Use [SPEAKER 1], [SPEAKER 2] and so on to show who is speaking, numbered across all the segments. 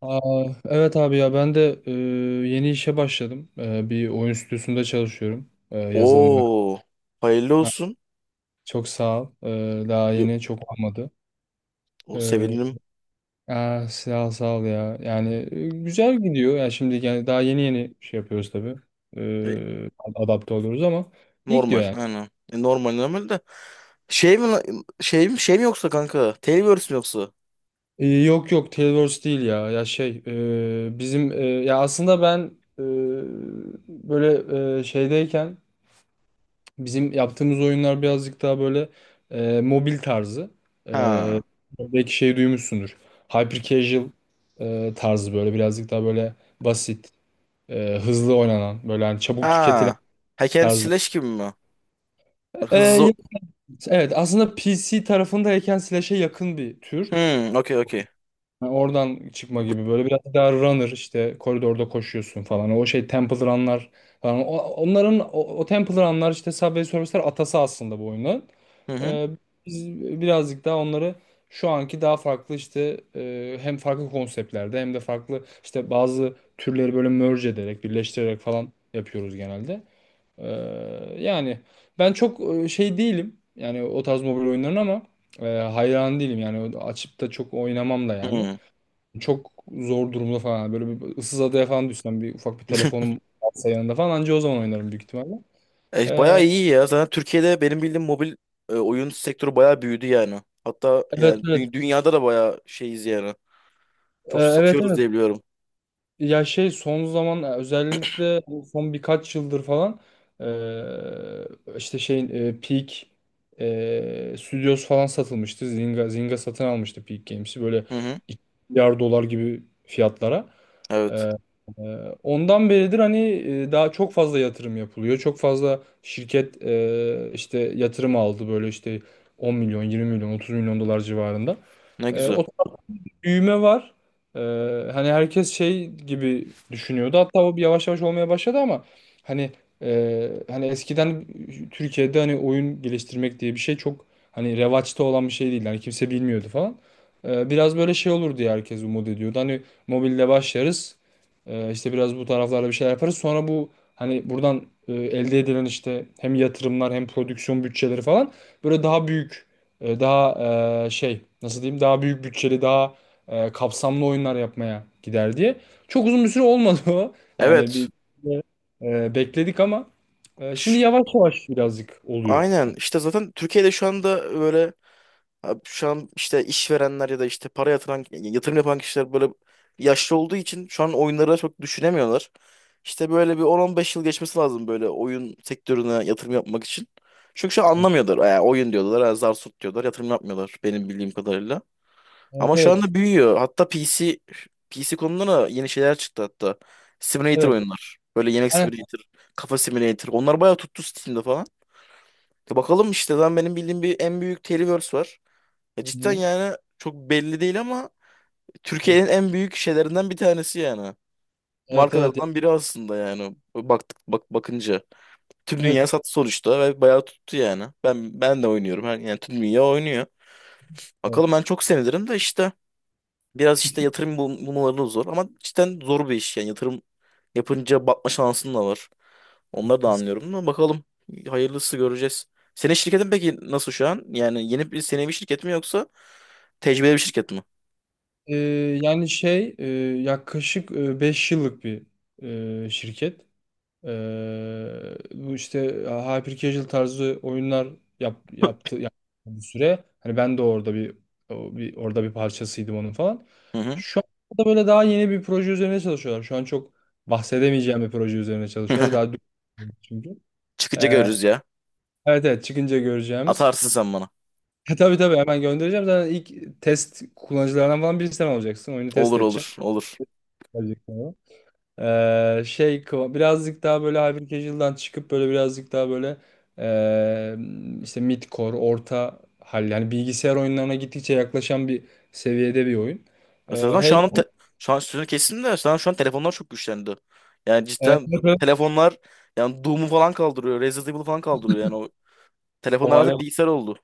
[SPEAKER 1] Aa, evet abi ya ben de yeni işe başladım. Bir oyun stüdyosunda çalışıyorum. Yazılım mühendisi.
[SPEAKER 2] Oo, hayırlı
[SPEAKER 1] Ha,
[SPEAKER 2] olsun.
[SPEAKER 1] çok sağ ol. Daha
[SPEAKER 2] Yo-
[SPEAKER 1] yeni çok olmadı.
[SPEAKER 2] O
[SPEAKER 1] E,
[SPEAKER 2] sevindim.
[SPEAKER 1] Sağ ol, sağ ol ya. Yani güzel gidiyor. Yani şimdi yani daha yeni yeni şey yapıyoruz tabii.
[SPEAKER 2] E,
[SPEAKER 1] E, Adapte oluyoruz ama iyi
[SPEAKER 2] normal
[SPEAKER 1] gidiyor yani.
[SPEAKER 2] aynen. Normal normal de. Şey mi la- şey mi şey mi yoksa kanka? Tailverse mi yoksa?
[SPEAKER 1] Yok yok, Tailwords değil ya. Ya şey bizim ya aslında ben e, böyle şeydeyken bizim yaptığımız oyunlar birazcık daha böyle mobil tarzı. E,
[SPEAKER 2] Ha.
[SPEAKER 1] Belki şey duymuşsundur. Hyper casual tarzı böyle birazcık daha böyle basit, hızlı oynanan, böyle hani çabuk tüketilen
[SPEAKER 2] Ha. Hack and
[SPEAKER 1] tarzı.
[SPEAKER 2] Slash gibi mi?
[SPEAKER 1] E,
[SPEAKER 2] Hızlı.
[SPEAKER 1] ya- evet, aslında PC tarafındayken Slash'e yakın bir tür.
[SPEAKER 2] Hmm, okey okey.
[SPEAKER 1] Ha, oradan çıkma gibi böyle biraz daha runner işte koridorda koşuyorsun falan. O şey Temple Run'lar falan. Onların o Temple Run'lar işte Subway Surfers'ler atası aslında bu oyunun.
[SPEAKER 2] Hı hı.
[SPEAKER 1] Ee, Biz birazcık daha onları şu anki daha farklı işte hem farklı konseptlerde hem de farklı işte bazı türleri böyle merge ederek birleştirerek falan yapıyoruz genelde. Ee, Yani ben çok şey değilim yani o tarz mobil oyunların ama hayran değilim yani açıp da çok oynamam da yani.
[SPEAKER 2] Hmm.
[SPEAKER 1] Çok zor durumda falan. Böyle bir ıssız adaya falan düşsem bir ufak bir telefonum varsa yanında falan anca o zaman oynarım büyük ihtimalle. Ee,
[SPEAKER 2] Bayağı iyi ya. Zaten Türkiye'de benim bildiğim mobil oyun sektörü bayağı büyüdü yani. Hatta
[SPEAKER 1] evet,
[SPEAKER 2] yani
[SPEAKER 1] evet.
[SPEAKER 2] dünyada da bayağı şeyiz yani. Çok
[SPEAKER 1] Evet,
[SPEAKER 2] satıyoruz
[SPEAKER 1] evet.
[SPEAKER 2] diye biliyorum.
[SPEAKER 1] Ya şey son zaman özellikle son birkaç yıldır falan işte şey Peak Studios falan satılmıştı. Zynga satın almıştı Peak Games'i böyle
[SPEAKER 2] Hı hı.
[SPEAKER 1] 2 milyar dolar gibi fiyatlara.
[SPEAKER 2] Evet.
[SPEAKER 1] Ee, e, Ondan beridir hani daha çok fazla yatırım yapılıyor. Çok fazla şirket işte yatırım aldı böyle işte 10 milyon, 20 milyon, 30 milyon dolar civarında.
[SPEAKER 2] Ne güzel.
[SPEAKER 1] O büyüme var. Ee, Hani herkes şey gibi düşünüyordu. Hatta o bir yavaş yavaş olmaya başladı ama hani hani eskiden Türkiye'de hani oyun geliştirmek diye bir şey çok hani revaçta olan bir şey değil. Hani kimse bilmiyordu falan. Biraz böyle şey olur diye herkes umut ediyordu. Hani mobilde başlarız. İşte biraz bu taraflarda bir şeyler yaparız. Sonra bu hani buradan elde edilen işte hem yatırımlar hem prodüksiyon bütçeleri falan böyle daha büyük daha şey nasıl diyeyim daha büyük bütçeli daha kapsamlı oyunlar yapmaya gider diye. Çok uzun bir süre olmadı o. Yani
[SPEAKER 2] Evet.
[SPEAKER 1] bir bekledik ama şimdi yavaş yavaş birazcık oluyor.
[SPEAKER 2] Aynen
[SPEAKER 1] Yani,
[SPEAKER 2] işte zaten Türkiye'de şu anda böyle abi şu an işte işverenler ya da işte para yatıran yatırım yapan kişiler böyle yaşlı olduğu için şu an oyunları çok düşünemiyorlar. İşte böyle bir 10-15 yıl geçmesi lazım böyle oyun sektörüne yatırım yapmak için. Çünkü şu an anlamıyorlar. Yani oyun diyorlar, ha, zar tut diyorlar, yatırım yapmıyorlar benim bildiğim kadarıyla.
[SPEAKER 1] evet,
[SPEAKER 2] Ama şu
[SPEAKER 1] evet.
[SPEAKER 2] anda büyüyor. Hatta PC konuda da yeni şeyler çıktı hatta. Simulator
[SPEAKER 1] Evet.
[SPEAKER 2] oyunlar. Böyle yemek
[SPEAKER 1] Aynen.
[SPEAKER 2] simulator, kafa simulator. Onlar bayağı tuttu Steam'de, bakalım işte lan benim bildiğim bir en büyük Televerse var. Cidden
[SPEAKER 1] Hı.
[SPEAKER 2] yani çok belli değil ama Türkiye'nin en büyük şeylerinden bir tanesi yani.
[SPEAKER 1] Evet, evet.
[SPEAKER 2] Markalardan biri aslında yani. Baktık bak bakınca. Tüm dünya
[SPEAKER 1] Evet.
[SPEAKER 2] sattı sonuçta ve bayağı tuttu yani. Ben de oynuyorum. Yani tüm dünya oynuyor.
[SPEAKER 1] Evet.
[SPEAKER 2] Bakalım ben çok sevinirim de işte biraz işte yatırım bulmaları da zor ama cidden zor bir iş yani yatırım yapınca batma şansın da var. Onları da anlıyorum ama bakalım. Hayırlısı göreceğiz. Senin şirketin peki nasıl şu an? Yani yeni bir senevi şirket mi yoksa tecrübeli bir şirket mi?
[SPEAKER 1] E, Yani şey yaklaşık 5 yıllık bir şirket. Bu işte hyper casual tarzı oyunlar yaptı bir süre. Hani ben de orada bir parçasıydım onun falan.
[SPEAKER 2] Hı hı.
[SPEAKER 1] Şu anda böyle daha yeni bir proje üzerine çalışıyorlar. Şu an çok bahsedemeyeceğim bir proje üzerine çalışıyorlar. Daha çünkü.
[SPEAKER 2] Çıkınca
[SPEAKER 1] Ee,
[SPEAKER 2] görürüz ya.
[SPEAKER 1] evet, evet, çıkınca göreceğimiz.
[SPEAKER 2] Atarsın sen bana.
[SPEAKER 1] Tabii tabii, hemen göndereceğim. Zaten ilk test kullanıcılarından falan birisi sen olacaksın. Oyunu test
[SPEAKER 2] Olur, olur, olur.
[SPEAKER 1] edeceğim. Şey birazcık daha böyle Hyper Casual'dan çıkıp böyle birazcık daha böyle ee, işte mid orta hal yani bilgisayar oyunlarına gittikçe yaklaşan bir seviyede bir oyun. Ee,
[SPEAKER 2] Zaten
[SPEAKER 1] heyecan,
[SPEAKER 2] şu an sözünü kestim de şu an telefonlar çok güçlendi. Yani
[SPEAKER 1] evet,
[SPEAKER 2] cidden
[SPEAKER 1] evet, evet.
[SPEAKER 2] telefonlar yani Doom'u falan kaldırıyor. Resident Evil'ı falan kaldırıyor. Yani o telefonlar
[SPEAKER 1] o hale
[SPEAKER 2] artık bilgisayar oldu.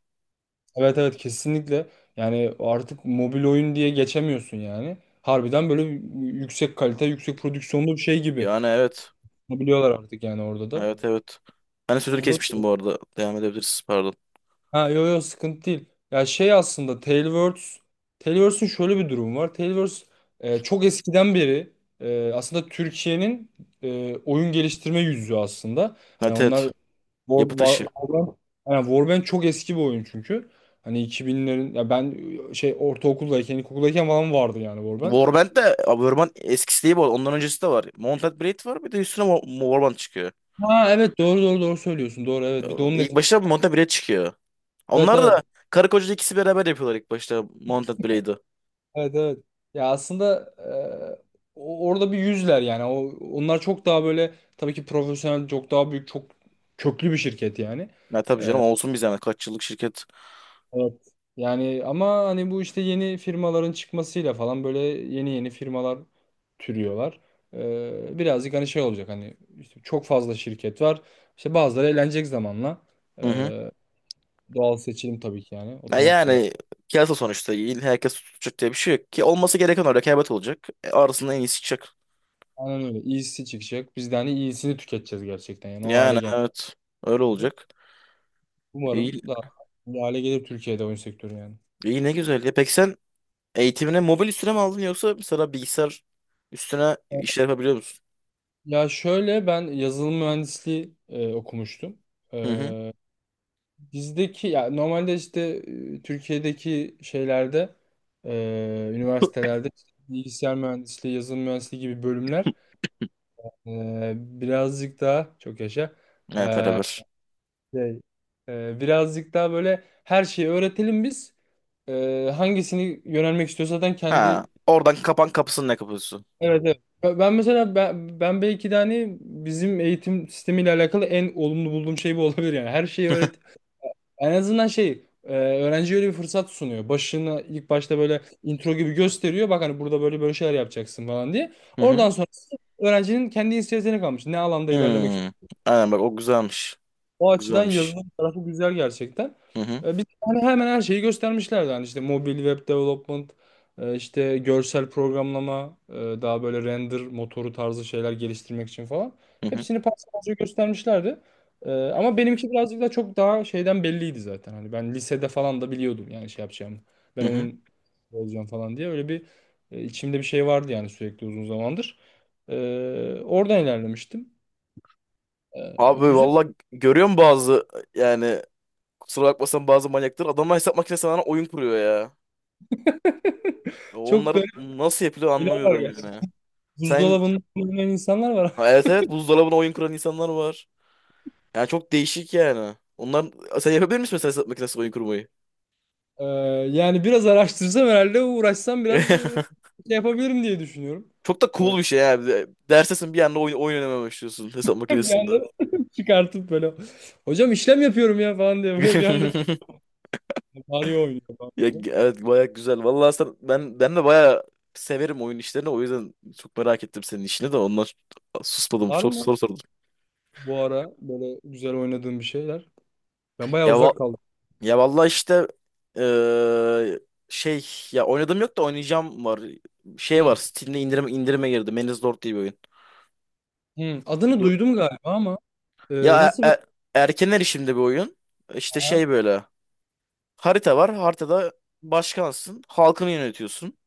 [SPEAKER 1] Evet, evet, kesinlikle, yani artık mobil oyun diye geçemiyorsun yani. Harbiden böyle yüksek kalite, yüksek prodüksiyonlu bir şey gibi
[SPEAKER 2] Yani evet.
[SPEAKER 1] biliyorlar artık yani orada da.
[SPEAKER 2] Evet, evet. Ben de sözünü
[SPEAKER 1] O da
[SPEAKER 2] kesmiştim bu arada. Devam edebiliriz. Pardon.
[SPEAKER 1] Ha, yo yo, sıkıntı değil. Ya şey aslında Tailwords'un şöyle bir durumu var. Tailwords çok eskiden beri aslında Türkiye'nin oyun geliştirme yüzü aslında. Hani
[SPEAKER 2] Evet,
[SPEAKER 1] onlar
[SPEAKER 2] evet. Yapı taşı.
[SPEAKER 1] Warband, yani Warband çok eski bir oyun çünkü. Hani 2000'lerin, ya ben şey ortaokuldayken, ilkokuldayken falan vardı yani Warband.
[SPEAKER 2] Warband de abi, Warband eskisi değil bu arada. Ondan öncesi de var. Mounted Blade var, bir de üstüne Warband çıkıyor.
[SPEAKER 1] Ha, evet, doğru doğru doğru söylüyorsun. Doğru,
[SPEAKER 2] Ee,
[SPEAKER 1] evet. Bir de onun
[SPEAKER 2] İlk
[SPEAKER 1] etkisi.
[SPEAKER 2] başta Mounted Blade çıkıyor.
[SPEAKER 1] Evet,
[SPEAKER 2] Onlar
[SPEAKER 1] evet.
[SPEAKER 2] da karı koca ikisi beraber yapıyorlar ilk başta Mounted Blade'ı.
[SPEAKER 1] Evet, evet. Ya aslında orada bir yüzler yani. Onlar çok daha böyle tabii ki profesyonel, çok daha büyük, çok köklü bir şirket yani.
[SPEAKER 2] Ya tabii canım, olsun bir zahmet. Kaç yıllık şirket.
[SPEAKER 1] Evet. Yani ama hani bu işte yeni firmaların çıkmasıyla falan böyle yeni yeni firmalar türüyorlar. Birazcık hani şey olacak hani işte çok fazla şirket var. İşte bazıları eğlenecek zamanla. E,
[SPEAKER 2] Hı hı.
[SPEAKER 1] Doğal seçilim tabii ki yani
[SPEAKER 2] Ya
[SPEAKER 1] otomatik olarak.
[SPEAKER 2] yani piyasa sonuçta. Herkes tutacak diye bir şey yok. Ki olması gereken o, rekabet olacak. Arasında en iyisi çıkacak.
[SPEAKER 1] Aynen öyle. İyisi çıkacak. Biz de hani iyisini tüketeceğiz gerçekten yani o hale
[SPEAKER 2] Yani
[SPEAKER 1] geldi.
[SPEAKER 2] evet. Öyle olacak.
[SPEAKER 1] Umarım
[SPEAKER 2] İyi,
[SPEAKER 1] daha iyi hale gelir Türkiye'de oyun sektörü yani.
[SPEAKER 2] iyi ne güzel. Ya peki sen eğitimine mobil üstüne mi aldın yoksa mesela bilgisayar üstüne
[SPEAKER 1] Ee,
[SPEAKER 2] işler yapabiliyor musun?
[SPEAKER 1] Ya şöyle, ben yazılım mühendisliği okumuştum.
[SPEAKER 2] Hı hı.
[SPEAKER 1] E, Bizdeki ya normalde işte Türkiye'deki şeylerde üniversitelerde işte bilgisayar mühendisliği, yazılım mühendisliği gibi bölümler birazcık daha çok yaşa
[SPEAKER 2] Evet,
[SPEAKER 1] e,
[SPEAKER 2] beraber.
[SPEAKER 1] şey, e, birazcık daha böyle her şeyi öğretelim biz. Hangisini yönelmek istiyorsa zaten
[SPEAKER 2] Ha,
[SPEAKER 1] kendi.
[SPEAKER 2] oradan kapan kapısının ne kapısı?
[SPEAKER 1] Evet, evet. Ben mesela ben belki de hani bizim eğitim sistemiyle alakalı en olumlu bulduğum şey bu olabilir yani. Her şeyi öğret. En azından şey öğrenciye öyle bir fırsat sunuyor. Başını ilk başta böyle intro gibi gösteriyor. Bak, hani burada böyle böyle şeyler yapacaksın falan diye.
[SPEAKER 2] Hı hı.
[SPEAKER 1] Oradan sonra öğrencinin kendi inisiyatifine kalmış. Ne alanda ilerlemek,
[SPEAKER 2] Hmm. Aynen bak, o güzelmiş.
[SPEAKER 1] o
[SPEAKER 2] O
[SPEAKER 1] açıdan
[SPEAKER 2] güzelmiş.
[SPEAKER 1] yazılım tarafı güzel gerçekten.
[SPEAKER 2] Hı hı.
[SPEAKER 1] Biz hani hemen her şeyi göstermişlerdi. Hani işte mobil web development, işte görsel programlama, daha böyle render motoru tarzı şeyler geliştirmek için falan.
[SPEAKER 2] Hı hı.
[SPEAKER 1] Hepsini parça parça göstermişlerdi. Ama benimki birazcık da çok daha şeyden belliydi zaten. Hani ben lisede falan da biliyordum yani şey yapacağımı. Ben
[SPEAKER 2] Hı hı.
[SPEAKER 1] oyun olacağım falan diye öyle bir içimde bir şey vardı yani sürekli uzun zamandır. Oradan ilerlemiştim.
[SPEAKER 2] Abi
[SPEAKER 1] Güzel.
[SPEAKER 2] valla görüyorum bazı yani kusura bakmasan bazı manyaktır. Adamlar hesap makinesi sana oyun kuruyor ya.
[SPEAKER 1] Çok
[SPEAKER 2] Onlar nasıl yapılıyor
[SPEAKER 1] Şeyler var
[SPEAKER 2] anlamıyorum
[SPEAKER 1] yani.
[SPEAKER 2] yani. Sen
[SPEAKER 1] Buzdolabında kullanmayan insanlar var.
[SPEAKER 2] Ha, evet, evet, buzdolabına oyun kuran insanlar var. Yani çok değişik yani. Sen yapabilir misin mesela hesap makinesi oyun kurmayı?
[SPEAKER 1] Ee, Yani biraz araştırsam herhalde uğraşsam biraz şey yapabilirim diye düşünüyorum.
[SPEAKER 2] Çok da
[SPEAKER 1] Ee,
[SPEAKER 2] cool bir şey ya. Dersesin bir anda oyun oynamaya başlıyorsun hesap
[SPEAKER 1] bir
[SPEAKER 2] makinesinde.
[SPEAKER 1] anda çıkartıp böyle, hocam işlem yapıyorum ya falan diye, böyle bir anda Mario oynuyor falan,
[SPEAKER 2] Ya,
[SPEAKER 1] böyle.
[SPEAKER 2] evet baya güzel. Vallahi sen, ben ben de baya severim oyun işlerini. O yüzden çok merak ettim senin işini de ondan susmadım.
[SPEAKER 1] Var
[SPEAKER 2] Çok
[SPEAKER 1] mı
[SPEAKER 2] soru sordum.
[SPEAKER 1] bu ara böyle güzel oynadığım bir şeyler? Ben bayağı
[SPEAKER 2] Ya va-
[SPEAKER 1] uzak kaldım.
[SPEAKER 2] ya vallahi işte eee, şey ya oynadım yok da oynayacağım var. Şey
[SPEAKER 1] Hı,
[SPEAKER 2] var. Steam'de indirime girdi. Man's Lord diye bir oyun.
[SPEAKER 1] hı. Adını
[SPEAKER 2] Du-
[SPEAKER 1] duydum galiba ama e,
[SPEAKER 2] ya
[SPEAKER 1] nasıl bir.
[SPEAKER 2] erken erişimde bir oyun. İşte
[SPEAKER 1] Ha,
[SPEAKER 2] şey böyle. Harita var. Haritada başkansın. Halkını yönetiyorsun.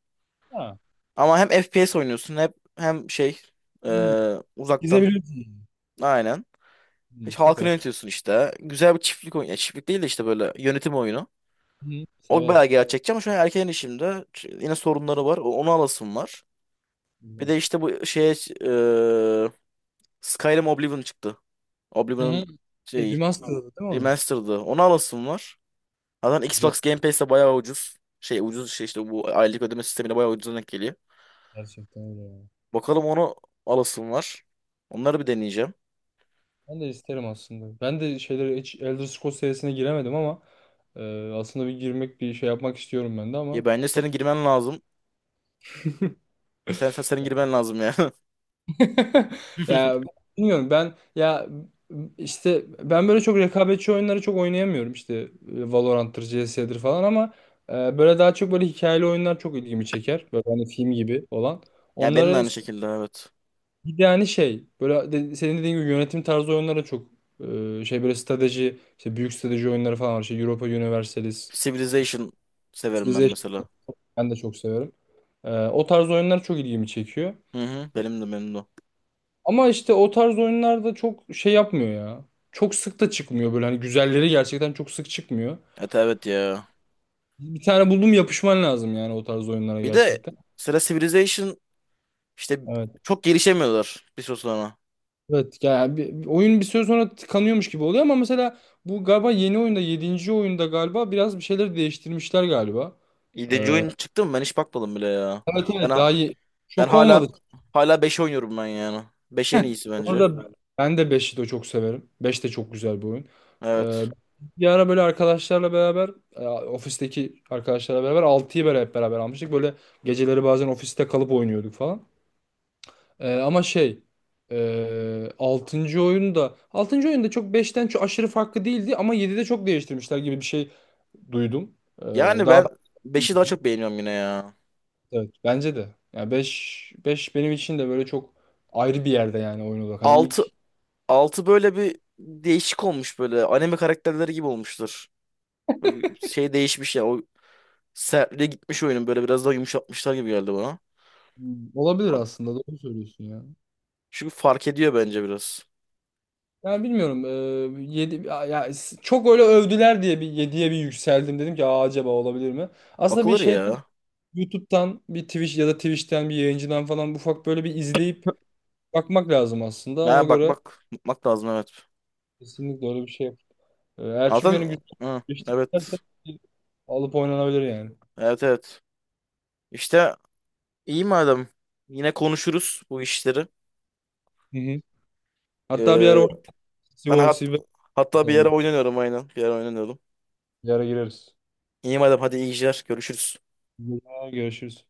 [SPEAKER 1] ha.
[SPEAKER 2] Ama hem FPS oynuyorsun hep hem şey e,
[SPEAKER 1] Hı.
[SPEAKER 2] uzaktan.
[SPEAKER 1] Gizebilirsin.
[SPEAKER 2] Aynen.
[SPEAKER 1] Hı,
[SPEAKER 2] Hiç halkını
[SPEAKER 1] süper.
[SPEAKER 2] yönetiyorsun işte. Güzel bir çiftlik oyunu. Ya, çiftlik değil de işte böyle yönetim oyunu.
[SPEAKER 1] Hı,
[SPEAKER 2] O
[SPEAKER 1] severim.
[SPEAKER 2] bayağı gerçekçi ama şu an erken işimde yine sorunları var. Onu alasım var. Bir de
[SPEAKER 1] Belki.
[SPEAKER 2] işte bu şeye e, Skyrim Oblivion çıktı.
[SPEAKER 1] Hı hı.
[SPEAKER 2] Oblivion'ın
[SPEAKER 1] Şey,
[SPEAKER 2] şey
[SPEAKER 1] Remastered'ı değil mi onun?
[SPEAKER 2] remastered'ı. Onu alasım var. Zaten Xbox Game Pass'te bayağı ucuz. Şey ucuz şey işte bu aylık ödeme sistemine bayağı ucuz denk geliyor.
[SPEAKER 1] Gerçekten öyle ya.
[SPEAKER 2] Bakalım onu alasım var. Onları bir deneyeceğim.
[SPEAKER 1] Ben de isterim aslında. Ben de şeyleri hiç Elder Scrolls serisine giremedim ama aslında bir girmek bir şey yapmak istiyorum ben de
[SPEAKER 2] Ya
[SPEAKER 1] ama
[SPEAKER 2] bence
[SPEAKER 1] bak.
[SPEAKER 2] senin girmen lazım. Senin girmen lazım ya.
[SPEAKER 1] Ya, bilmiyorum ben ya, işte ben böyle çok rekabetçi oyunları çok oynayamıyorum işte Valorant'tır, CS'dir falan ama böyle daha çok böyle hikayeli oyunlar çok ilgimi çeker. Böyle hani film gibi olan.
[SPEAKER 2] Ya benim de
[SPEAKER 1] Onları
[SPEAKER 2] aynı şekilde, evet.
[SPEAKER 1] Bir de hani şey böyle senin dediğin gibi yönetim tarzı oyunlara çok şey böyle strateji işte büyük strateji oyunları falan var. İşte Europa Universalis işte
[SPEAKER 2] Civilization severim ben
[SPEAKER 1] Civilization,
[SPEAKER 2] mesela.
[SPEAKER 1] ben de çok severim. O tarz oyunlar çok ilgimi çekiyor.
[SPEAKER 2] Hı hı. Benim de, benim de.
[SPEAKER 1] Ama işte o tarz oyunlar da çok şey yapmıyor ya. Çok sık da çıkmıyor böyle, hani güzelleri gerçekten çok sık çıkmıyor.
[SPEAKER 2] Evet, evet ya.
[SPEAKER 1] Bir tane buldum, yapışman lazım yani o tarz oyunlara
[SPEAKER 2] Bir de
[SPEAKER 1] gerçekten.
[SPEAKER 2] mesela Civilization işte
[SPEAKER 1] Evet.
[SPEAKER 2] çok gelişemiyorlar bir süre sonra.
[SPEAKER 1] Evet yani, oyun bir süre sonra tıkanıyormuş gibi oluyor ama mesela bu galiba yeni oyunda, yedinci oyunda galiba biraz bir şeyler değiştirmişler galiba.
[SPEAKER 2] 7.
[SPEAKER 1] Ee,
[SPEAKER 2] oyun çıktı mı ben hiç bakmadım bile ya.
[SPEAKER 1] evet,
[SPEAKER 2] Ben,
[SPEAKER 1] evet,
[SPEAKER 2] ha-
[SPEAKER 1] daha iyi.
[SPEAKER 2] ben
[SPEAKER 1] Çok olmadı.
[SPEAKER 2] hala 5 oynuyorum ben yani. 5 en iyisi bence.
[SPEAKER 1] Orada Ben de 5'i de çok severim. 5 de çok güzel bir oyun. Ee,
[SPEAKER 2] Evet.
[SPEAKER 1] Bir ara böyle arkadaşlarla beraber ofisteki arkadaşlarla beraber altıyı beraber, hep beraber almıştık. Böyle geceleri bazen ofiste kalıp oynuyorduk falan. Ama şey 6. oyunda çok beşten çok aşırı farklı değildi ama 7'de çok değiştirmişler gibi bir şey duydum. Ee,
[SPEAKER 2] Yani
[SPEAKER 1] daha
[SPEAKER 2] ben
[SPEAKER 1] ben-
[SPEAKER 2] beşi daha çok beğeniyorum yine ya.
[SPEAKER 1] evet, bence de. Yani 5 5 benim için de böyle çok ayrı bir yerde yani oyun olarak. Hani ilk
[SPEAKER 2] 6 Altı böyle bir değişik olmuş böyle. Anime karakterleri gibi olmuştur. Böyle bir şey değişmiş ya. O sertliğe gitmiş oyunun, böyle biraz daha yumuşatmışlar gibi geldi bana.
[SPEAKER 1] Olabilir aslında, doğru söylüyorsun ya.
[SPEAKER 2] Çünkü fark ediyor bence biraz.
[SPEAKER 1] Yani bilmiyorum 7 çok öyle övdüler diye bir yediye bir yükseldim, dedim ki Aa, acaba olabilir mi? Aslında bir
[SPEAKER 2] Bakılır
[SPEAKER 1] şeyden
[SPEAKER 2] ya.
[SPEAKER 1] YouTube'dan bir Twitch ya da Twitch'ten bir yayıncıdan falan ufak böyle bir izleyip bakmak lazım aslında. Ona
[SPEAKER 2] Ha,
[SPEAKER 1] göre
[SPEAKER 2] bakmak lazım evet.
[SPEAKER 1] kesinlikle öyle bir şey yap. Eğer çünkü
[SPEAKER 2] Zaten
[SPEAKER 1] hani güçlü
[SPEAKER 2] hı,
[SPEAKER 1] geliştirirsen
[SPEAKER 2] evet.
[SPEAKER 1] alıp oynanabilir yani.
[SPEAKER 2] Evet, evet. İşte iyi madem. Yine konuşuruz bu işleri.
[SPEAKER 1] Hı hı. Hatta bir ara
[SPEAKER 2] Ee,
[SPEAKER 1] oynayalım.
[SPEAKER 2] ben
[SPEAKER 1] Sivo,
[SPEAKER 2] hat
[SPEAKER 1] Sivo
[SPEAKER 2] hatta bir yere
[SPEAKER 1] atalım.
[SPEAKER 2] oynanıyorum aynen. Bir yere oynanıyorum.
[SPEAKER 1] Bir ara gireriz.
[SPEAKER 2] İyi madem, hadi iyi geceler. Görüşürüz.
[SPEAKER 1] Hı. Görüşürüz.